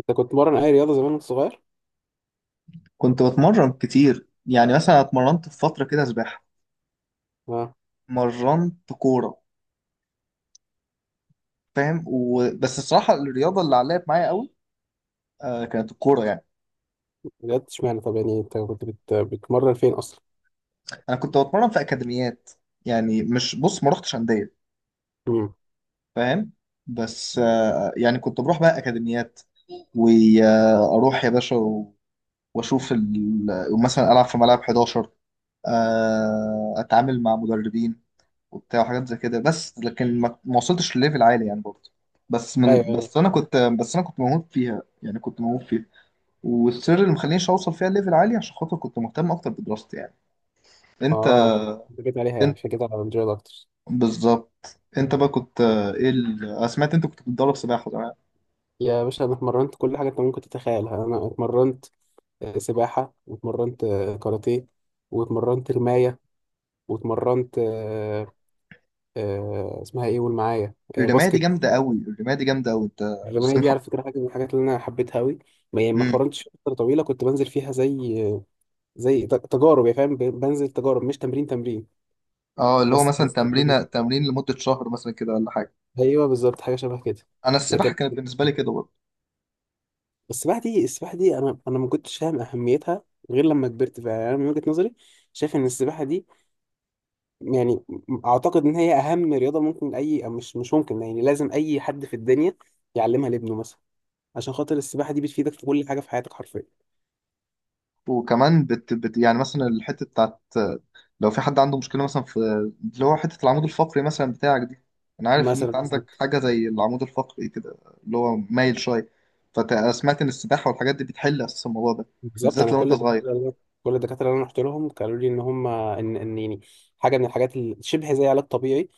انت كنت بتمرن اي رياضه زمان وانت صغير؟ كنت بتمرن كتير، يعني مثلا اتمرنت في فترة كده سباحة، اه. مرنت كورة. فاهم بس الصراحة الرياضة اللي علقت معايا قوي كانت الكورة يعني. بجد اشمعنى؟ طب يعني انت كنت بتمرن فين اصلا؟ أنا كنت بتمرن في أكاديميات، يعني مش بص، ما رحتش أندية. امم. فاهم. بس آه يعني كنت بروح بقى أكاديميات، وأروح يا باشا وأشوف مثلا ألعب في ملعب 11، آه أتعامل مع مدربين وبتاع وحاجات زي كده. بس لكن ما وصلتش لليفل عالي يعني برضه. بس ايوه، من بس انا ايوه. كنت بس انا كنت موهوب فيها، يعني كنت موهوب فيها. والسر اللي مخلينيش اوصل فيها ليفل عالي عشان خاطر كنت مهتم اكتر بدراستي يعني. انت اه، عشان كده جيت عليها، يعني انت عشان كده على الجيل اكتر. بالظبط، انت بقى كنت ايه أنا سمعت انت كنت بتدرب سباحه زمان. يا باشا انا اتمرنت كل حاجه انت ممكن تتخيلها. انا اتمرنت سباحه، واتمرنت كاراتيه، واتمرنت رمايه، واتمرنت اسمها ايه؟ قول معايا، باسكت. الرمايه دي جامده قوي انت. الرمايه ازاي دي على فكره حاجه من الحاجات اللي انا حبيتها قوي. ما يعني ما مم. اتمرنتش فتره طويله، كنت بنزل فيها زي تجارب، يا فاهم، بنزل تجارب، مش تمرين تمرين. اه، اللي هو بس مثلا تمرين تمرين لمده شهر مثلا كده ولا حاجه. ايوه، بالظبط، حاجه شبه كده. انا السباحه لكن كانت بالنسبه لي كده برضه. السباحه دي، السباحه دي انا ما كنتش فاهم اهميتها غير لما كبرت فعلا. يعني انا من وجهه نظري شايف ان السباحه دي، يعني اعتقد ان هي اهم رياضه ممكن، اي، أو مش ممكن، يعني لازم اي حد في الدنيا يعلمها لابنه مثلا، عشان خاطر السباحه دي بتفيدك في كل حاجه في حياتك حرفيا. وكمان يعني مثلا الحتة بتاعت، لو في حد عنده مشكلة مثلا في اللي هو حتة العمود الفقري مثلا بتاعك دي. أنا عارف إن أنت مثلا عندك حاجة زي العمود الفقري كده، اللي هو مايل شوية. فسمعت إن السباحة والحاجات دي بتحل أساس الموضوع ده، بالظبط بالذات انا لو أنت كل صغير. كل الدكاتره اللي انا رحت لهم قالوا لي ان هم، ان يعني حاجه من الحاجات اللي شبه زي علاج طبيعي،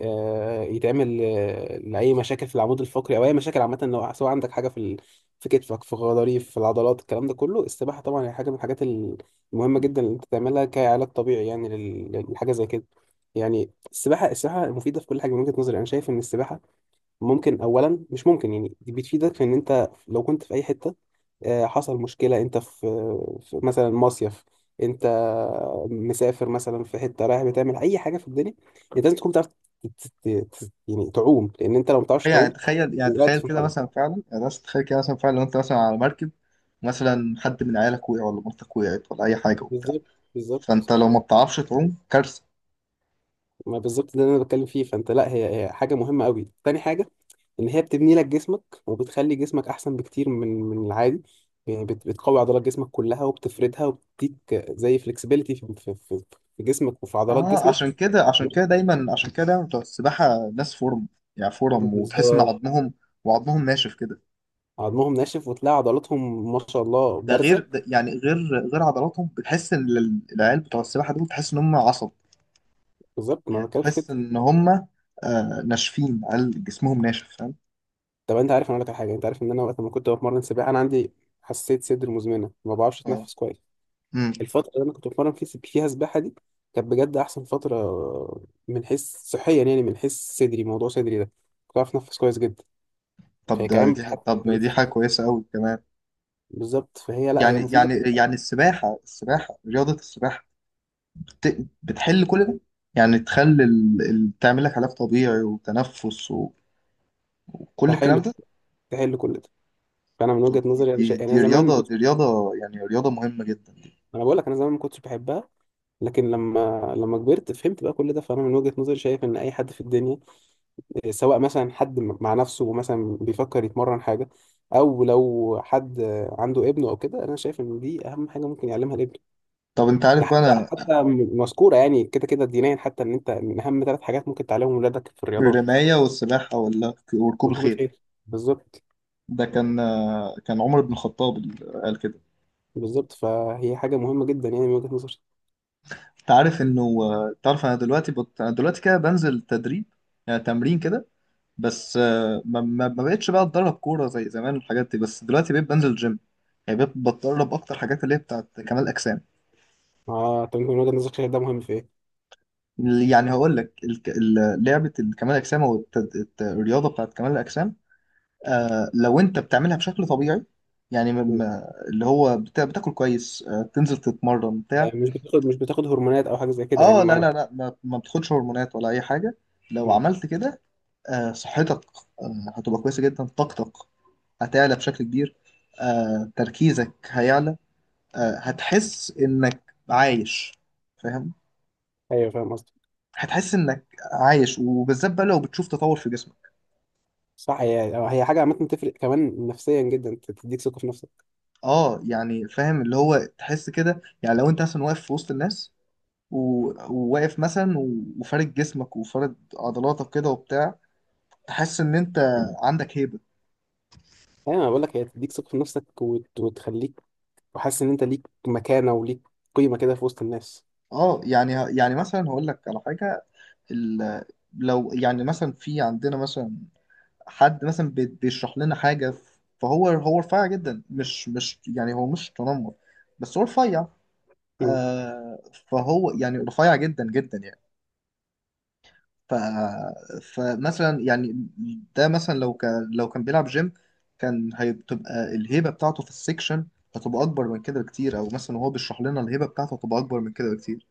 يتعمل لأي مشاكل في العمود الفقري أو أي مشاكل عامة، لو سواء عندك حاجة في في كتفك، في غضاريف، في العضلات، الكلام ده كله السباحة طبعا هي حاجة من الحاجات المهمة جدا اللي أنت تعملها كعلاج طبيعي، يعني للحاجة زي كده. يعني السباحة، السباحة مفيدة في كل حاجة. من وجهة نظري أنا شايف إن السباحة ممكن، أولا مش ممكن يعني، دي بتفيدك في إن أنت لو كنت في أي حتة حصل مشكلة، انت في، في مثلا مصيف، انت مسافر مثلا في حتة رايح، بتعمل اي حاجة في الدنيا انت لازم تكون بتعرف ت- ت- يعني تعوم، لان انت لو ما بتعرفش يعني تعوم تخيل يعني وقعت تخيل في كده مثلا الميه. فعلا يعني بس تخيل كده مثلا فعلا لو أنت مثلا على مركب، مثلا حد من عيالك وقع ولا مرتك وقعت ولا أي حاجة وبتاع، بالظبط، فأنت بالظبط. لو ما بتعرفش تعوم كارثة. ما بالظبط ده اللي انا بتكلم فيه، فانت لا، هي حاجة مهمة قوي. تاني حاجة، ان هي بتبني لك جسمك وبتخلي جسمك احسن بكتير من العادي، يعني بتقوي عضلات جسمك كلها وبتفردها، وبتديك زي فلكسبيليتي في جسمك وفي عضلات جسمك. عشان كده دايما بتوع السباحة ناس فورم، يعني فورم، وتحس ان بالظبط، عظمهم وعظمهم ناشف كده. عظمهم ناشف وتلاقي عضلاتهم ما شاء الله ده غير، بارزه. ده يعني غير غير عضلاتهم، بتحس ان العيال بتوع السباحة دول تحس ان هم عصب. بالظبط ما يعني أنا بتكلم في كده. تحس ان هم آه ناشفين، عيال جسمهم ناشف. فاهم. طب انت عارف، انا اقول لك على حاجه، انت عارف ان انا وقت ما كنت بتمرن سباحه انا عندي حساسيه صدر مزمنه، ما بعرفش اه. اتنفس كويس. امم. الفتره اللي انا كنت بتمرن فيها سباحه دي كانت بجد احسن فتره، من حيث صحيا، يعني من حيث صدري، موضوع صدري ده كنت بعرف اتنفس كويس جدا. طب فهي ده كمان دي ح- بتحسن طب ما دي حاجة التنفس. كويسة قوي كمان. بالظبط، فهي لا، هي مفيده. السباحة بتحل كل ده. يعني تخلي تعمل لك علاج طبيعي وتنفس وكل الكلام تحل، ده. تحل كل ده. فانا من وجهه دي, نظري انا يعني انا دي زمان ما رياضة، كنت، دي رياضة، يعني رياضة مهمة جدا. انا بقول لك انا زمان ما كنتش بحبها، لكن لما كبرت فهمت بقى كل ده. فانا من وجهة نظري شايف ان اي حد في الدنيا، سواء مثلا حد مع نفسه مثلا بيفكر يتمرن حاجة، او لو حد عنده ابنه او كده، انا شايف ان دي اهم حاجة ممكن يعلمها لابنه. طب انت ده عارف بقى حتى، انا، مذكورة يعني كده كده دينيا، حتى ان انت من اهم ثلاث حاجات ممكن تعلمهم ولادك في الرياضات الرماية والسباحة ولا وركوب ركوب الخيل. الخيل. بالظبط، ده كان كان عمر بن الخطاب اللي قال كده. بالظبط، فهي حاجة مهمة جدا يعني من وجهة نظري. انت عارف انه آه، تعرف انا دلوقتي انا دلوقتي كده بنزل تدريب، يعني تمرين كده. بس آه، ما بقتش بقى اتدرب كورة زي زمان والحاجات دي. بس دلوقتي بقيت بنزل جيم، يعني بقيت بتدرب اكتر حاجات اللي هي بتاعت كمال اجسام. اه، طب انت من وجهة نظرك شايف ده مهم في ايه؟ يعني هقول لك لعبة كمال الاجسام، او الرياضة بتاعت كمال الاجسام. آه، لو انت بتعملها بشكل طبيعي، يعني مم. اللي هو بتاكل كويس، آه تنزل تتمرن بتاع مش بتاخد، مش بتاخد هرمونات او حاجة زي كده، يعني اه، لا معنى. لا لا، ما, ما بتاخدش هرمونات ولا اي حاجه. لو مم. عملت كده، آه صحتك آه هتبقى كويسه جدا، طاقتك هتعلى بشكل كبير، آه تركيزك هيعلى، آه هتحس انك عايش. فاهم، ايوه، فاهم قصدي. هتحس انك عايش، وبالذات بقى لو بتشوف تطور في جسمك. صح، هي، هي حاجة عامة تفرق كمان نفسيا جدا، تديك ثقة في نفسك. اه يعني فاهم، اللي هو تحس كده، يعني لو انت مثلا واقف في وسط الناس وواقف مثلا وفارد جسمك وفارد عضلاتك كده وبتاع، تحس ان انت عندك هيبة. أيوة، أنا بقول لك هي تديك ثقة في نفسك، وتخليك وحاسس إن أنت ليك مكانة وليك قيمة كده في وسط الناس. اه يعني يعني مثلا هقول لك على حاجة. ال- لو يعني مثلا في عندنا مثلا حد مثلا بيشرح لنا حاجة، فهو هو رفيع جدا، مش يعني هو مش تنمر، بس هو رفيع. مم. آه، فهو يعني رفيع جدا جدا يعني. ف... فمثلا يعني ده مثلا لو كان بيلعب جيم، كان هتبقى الهيبة بتاعته في السكشن هتبقى أكبر من كده بكتير. أو مثلا وهو بيشرح لنا الهيبة بتاعته هتبقى أكبر من كده بكتير.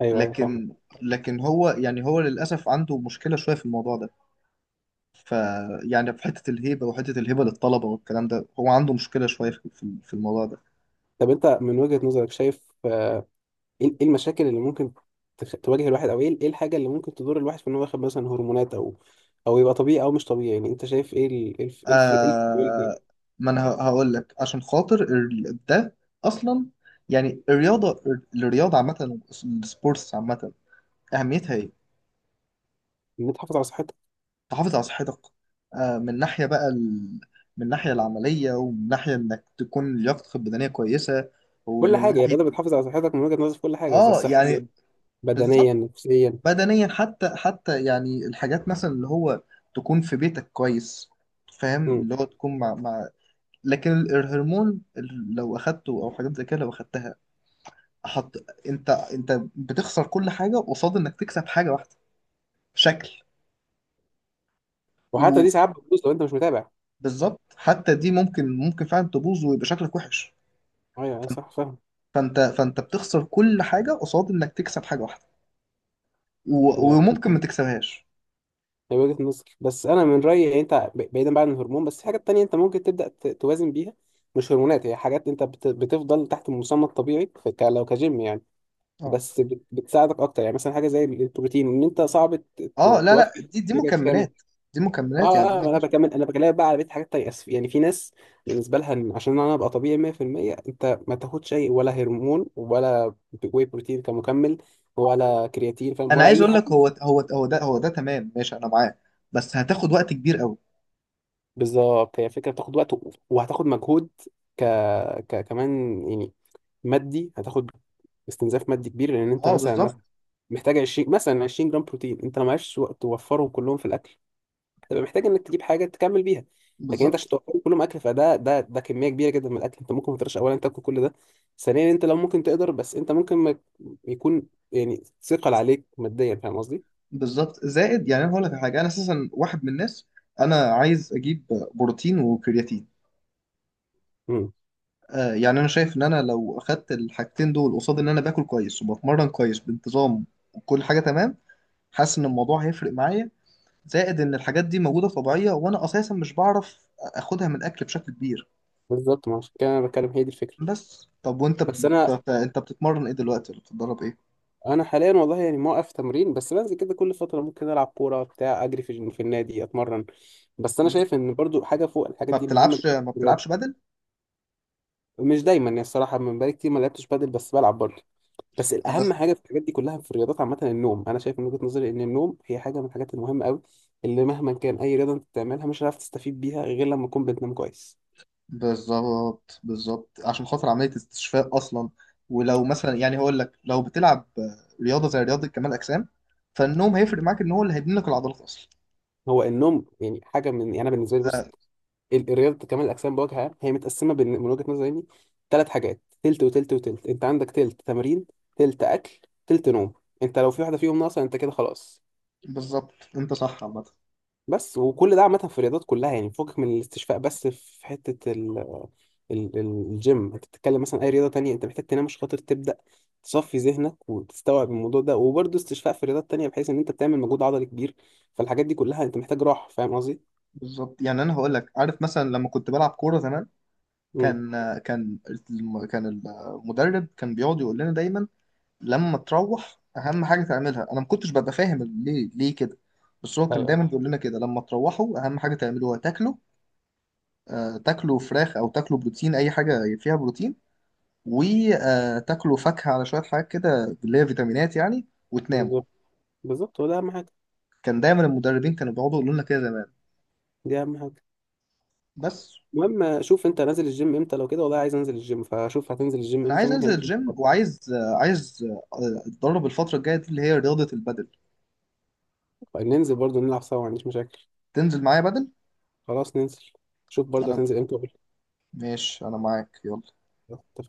أيوه، أيوه، فاهم. لكن لكن هو يعني هو للأسف عنده مشكلة شوية في الموضوع ده. ف يعني في حتة الهيبة، وحتة الهيبة للطلبة والكلام ده، هو عنده مشكلة شوية في الموضوع ده. طب أنت من وجهة نظرك شايف إيه، إيه المشاكل اللي ممكن تواجه الواحد، أو إيه، إيه الحاجة اللي ممكن تضر الواحد في إن هو ياخد مثلا هرمونات، أو أو يبقى طبيعي أو مش طبيعي، يعني أنت شايف إيه إيه الف... إيه الف... إيه الف... إيه آه، الف- ما انا هقول لك عشان خاطر ده اصلا، يعني الرياضه، الرياضه عامه، السبورتس عامه، اهميتها ايه؟ إن تحافظ على صحتك. تحافظ على صحتك. آه من ناحيه بقى من ناحيه العمليه، ومن ناحيه انك تكون لياقتك البدنيه كويسه، كل ومن حاجة، يعني ناحيه، الرياضة بتحافظ على صحتك من وججة نظرك في كل حاجة، إذا اه يعني، صحيا، بالظبط. بدنيا، نفسيا. بدنيا، حتى يعني الحاجات مثلا اللي هو تكون في بيتك كويس. فاهم، مم. اللي هو تكون مع مع. لكن الهرمون لو اخدته او حاجات زي كده لو اخدتها، حط، انت بتخسر كل حاجه قصاد انك تكسب حاجه واحده، شكل. وحتى دي ساعات بتبوظ لو انت مش متابع. وبالظبط، حتى دي ممكن فعلا تبوظ ويبقى شكلك وحش. ايوه، ايوه، صح، فاهم. فانت بتخسر كل حاجه قصاد انك تكسب حاجه واحده، وممكن هي، ما تكسبهاش. هي وجهة نظر، بس انا من رايي يعني، انت بعيدا بقى عن الهرمون بس في حاجات تانية انت ممكن تبدا توازن بيها، مش هرمونات، هي حاجات انت بتفضل تحت المسمى الطبيعي، لو كجيم يعني، اه بس بتساعدك اكتر. يعني مثلا حاجه زي البروتين، ان انت صعب اه لا لا، توفي دي احتياجك كامل. مكملات، دي مكملات، يعني دي اه، اه، ما ما انا فيهاش. بكمل، انا بكلمك بقى على بيت حاجات تانية، أسف. يعني في ناس بالنسبه لها إن عشان انا ابقى طبيعي 100%، انت ما تاخدش اي ولا هرمون، ولا واي بروتين كمكمل، ولا كرياتين، فاهم، انا ولا عايز اي اقول حاجه. لك، هو ده تمام، ماشي انا معاه، بس هتاخد وقت كبير قوي. بالظبط، هي فكره بتاخد وقت، وهتاخد مجهود ك... كمان يعني، مادي، هتاخد استنزاف مادي كبير، لان انت اه بالظبط، مثلا محتاج 20، مثلا 20 جرام بروتين، انت لو معكش وقت توفرهم كلهم في الاكل تبقى محتاج انك تجيب حاجه تكمل بيها. لكن انت عشان بالظبط. توفر كلهم اكل، فده، ده ده كميه كبيره جدا من الاكل، انت ممكن ما تقدرش اولا تاكل كل ده. ثانيا انت لو ممكن تقدر، بس انت ممكن ما يكون يعني ثقل عليك ماديا، فاهم قصدي؟ بالظبط، زائد، يعني انا هقول لك على حاجه، انا اساسا واحد من الناس. انا عايز اجيب بروتين وكرياتين. امم. آه يعني انا شايف ان انا لو اخدت الحاجتين دول، قصاد ان انا باكل كويس وبتمرن كويس بانتظام وكل حاجه تمام، حاسس ان الموضوع هيفرق معايا. زائد ان الحاجات دي موجوده طبيعيه، وانا اساسا مش بعرف اخدها من الاكل بشكل كبير. بالظبط، ما عشان كده انا بتكلم، هي دي الفكره. بس طب وانت بس انا، انت بتتمرن ايه دلوقتي، ولا بتتدرب ايه؟ انا حاليا والله يعني موقف تمرين، بس بنزل كده كل فتره، ممكن العب كوره بتاع، اجري في النادي، اتمرن، بس انا مم. شايف ان برضو حاجه فوق الحاجات دي مهمه جدا ما في بتلعبش الرياضة. بدل؟ مش دايما، يعني الصراحه من بقالي كتير ما لعبتش بادل، بس بلعب برضو. بس الاهم حاجه في الحاجات دي كلها في الرياضات عامه النوم. انا شايف من وجهه نظري ان النوم هي حاجه من الحاجات المهمه قوي، اللي مهما كان اي رياضه انت بتعملها، مش هتعرف تستفيد بيها غير لما تكون بتنام كويس. بالظبط عشان خاطر عملية استشفاء أصلا. ولو مثلا يعني هقول لك لو بتلعب رياضة زي رياضة كمال أجسام، فالنوم هيفرق معاك، إن هو اللي هيبني لك العضلات أصلا. هو النوم يعني حاجه من، يعني انا بالنسبه لي آه بص، الرياضه كمال الاجسام بوجه عام هي متقسمه من وجهه نظري يعني ثلاث حاجات، تلت وتلت وتلت. انت عندك تلت تمرين، تلت اكل، تلت نوم. انت لو في واحده فيهم ناقصه انت كده خلاص. بالظبط، أنت صح عامة. بس وكل ده عامة في الرياضات كلها، يعني فوقك من الاستشفاء. بس في حتة ال ال- الجيم انت بتتكلم، مثلا اي رياضة تانية انت محتاج تنام عشان خاطر تبدأ تصفي ذهنك وتستوعب الموضوع ده، وبرضه استشفاء في رياضات تانية بحيث ان انت بتعمل مجهود عضلي كبير، فالحاجات دي كلها انت محتاج راحة، فاهم قصدي؟ بالظبط، يعني أنا هقول لك، عارف مثلا لما كنت بلعب كورة زمان، امم. كان كان كان المدرب كان بيقعد يقول لنا دايما، لما تروح أهم حاجة تعملها، أنا ما كنتش ببقى فاهم ليه كده. بس هو كان ايوه دايما بيقول لنا كده، لما تروحوا أهم حاجة تعملوها تاكلوا، آه، تاكلوا فراخ او تاكلوا بروتين، اي حاجه فيها بروتين، وتاكلوا فاكهه على شويه حاجات كده اللي هي فيتامينات يعني، وتناموا. بالظبط، بالظبط، هو ده اهم حاجة، كان دايما المدربين كانوا بيقعدوا يقولوا لنا كده زمان. دي اهم حاجة. بس المهم، شوف انت نازل الجيم امتى، لو كده والله عايز انزل الجيم، فشوف هتنزل الجيم انا امتى عايز ممكن انزل اجي الجيم، وعايز آه، عايز آه، اتدرب الفتره الجايه دي اللي هي رياضه البدل. ننزل برضه نلعب سوا، ما عنديش مشاكل. تنزل معايا بدل؟ خلاص ننزل، شوف برضه انا هتنزل امتى وقول ماشي، انا معاك يلا. لي. اتفقنا.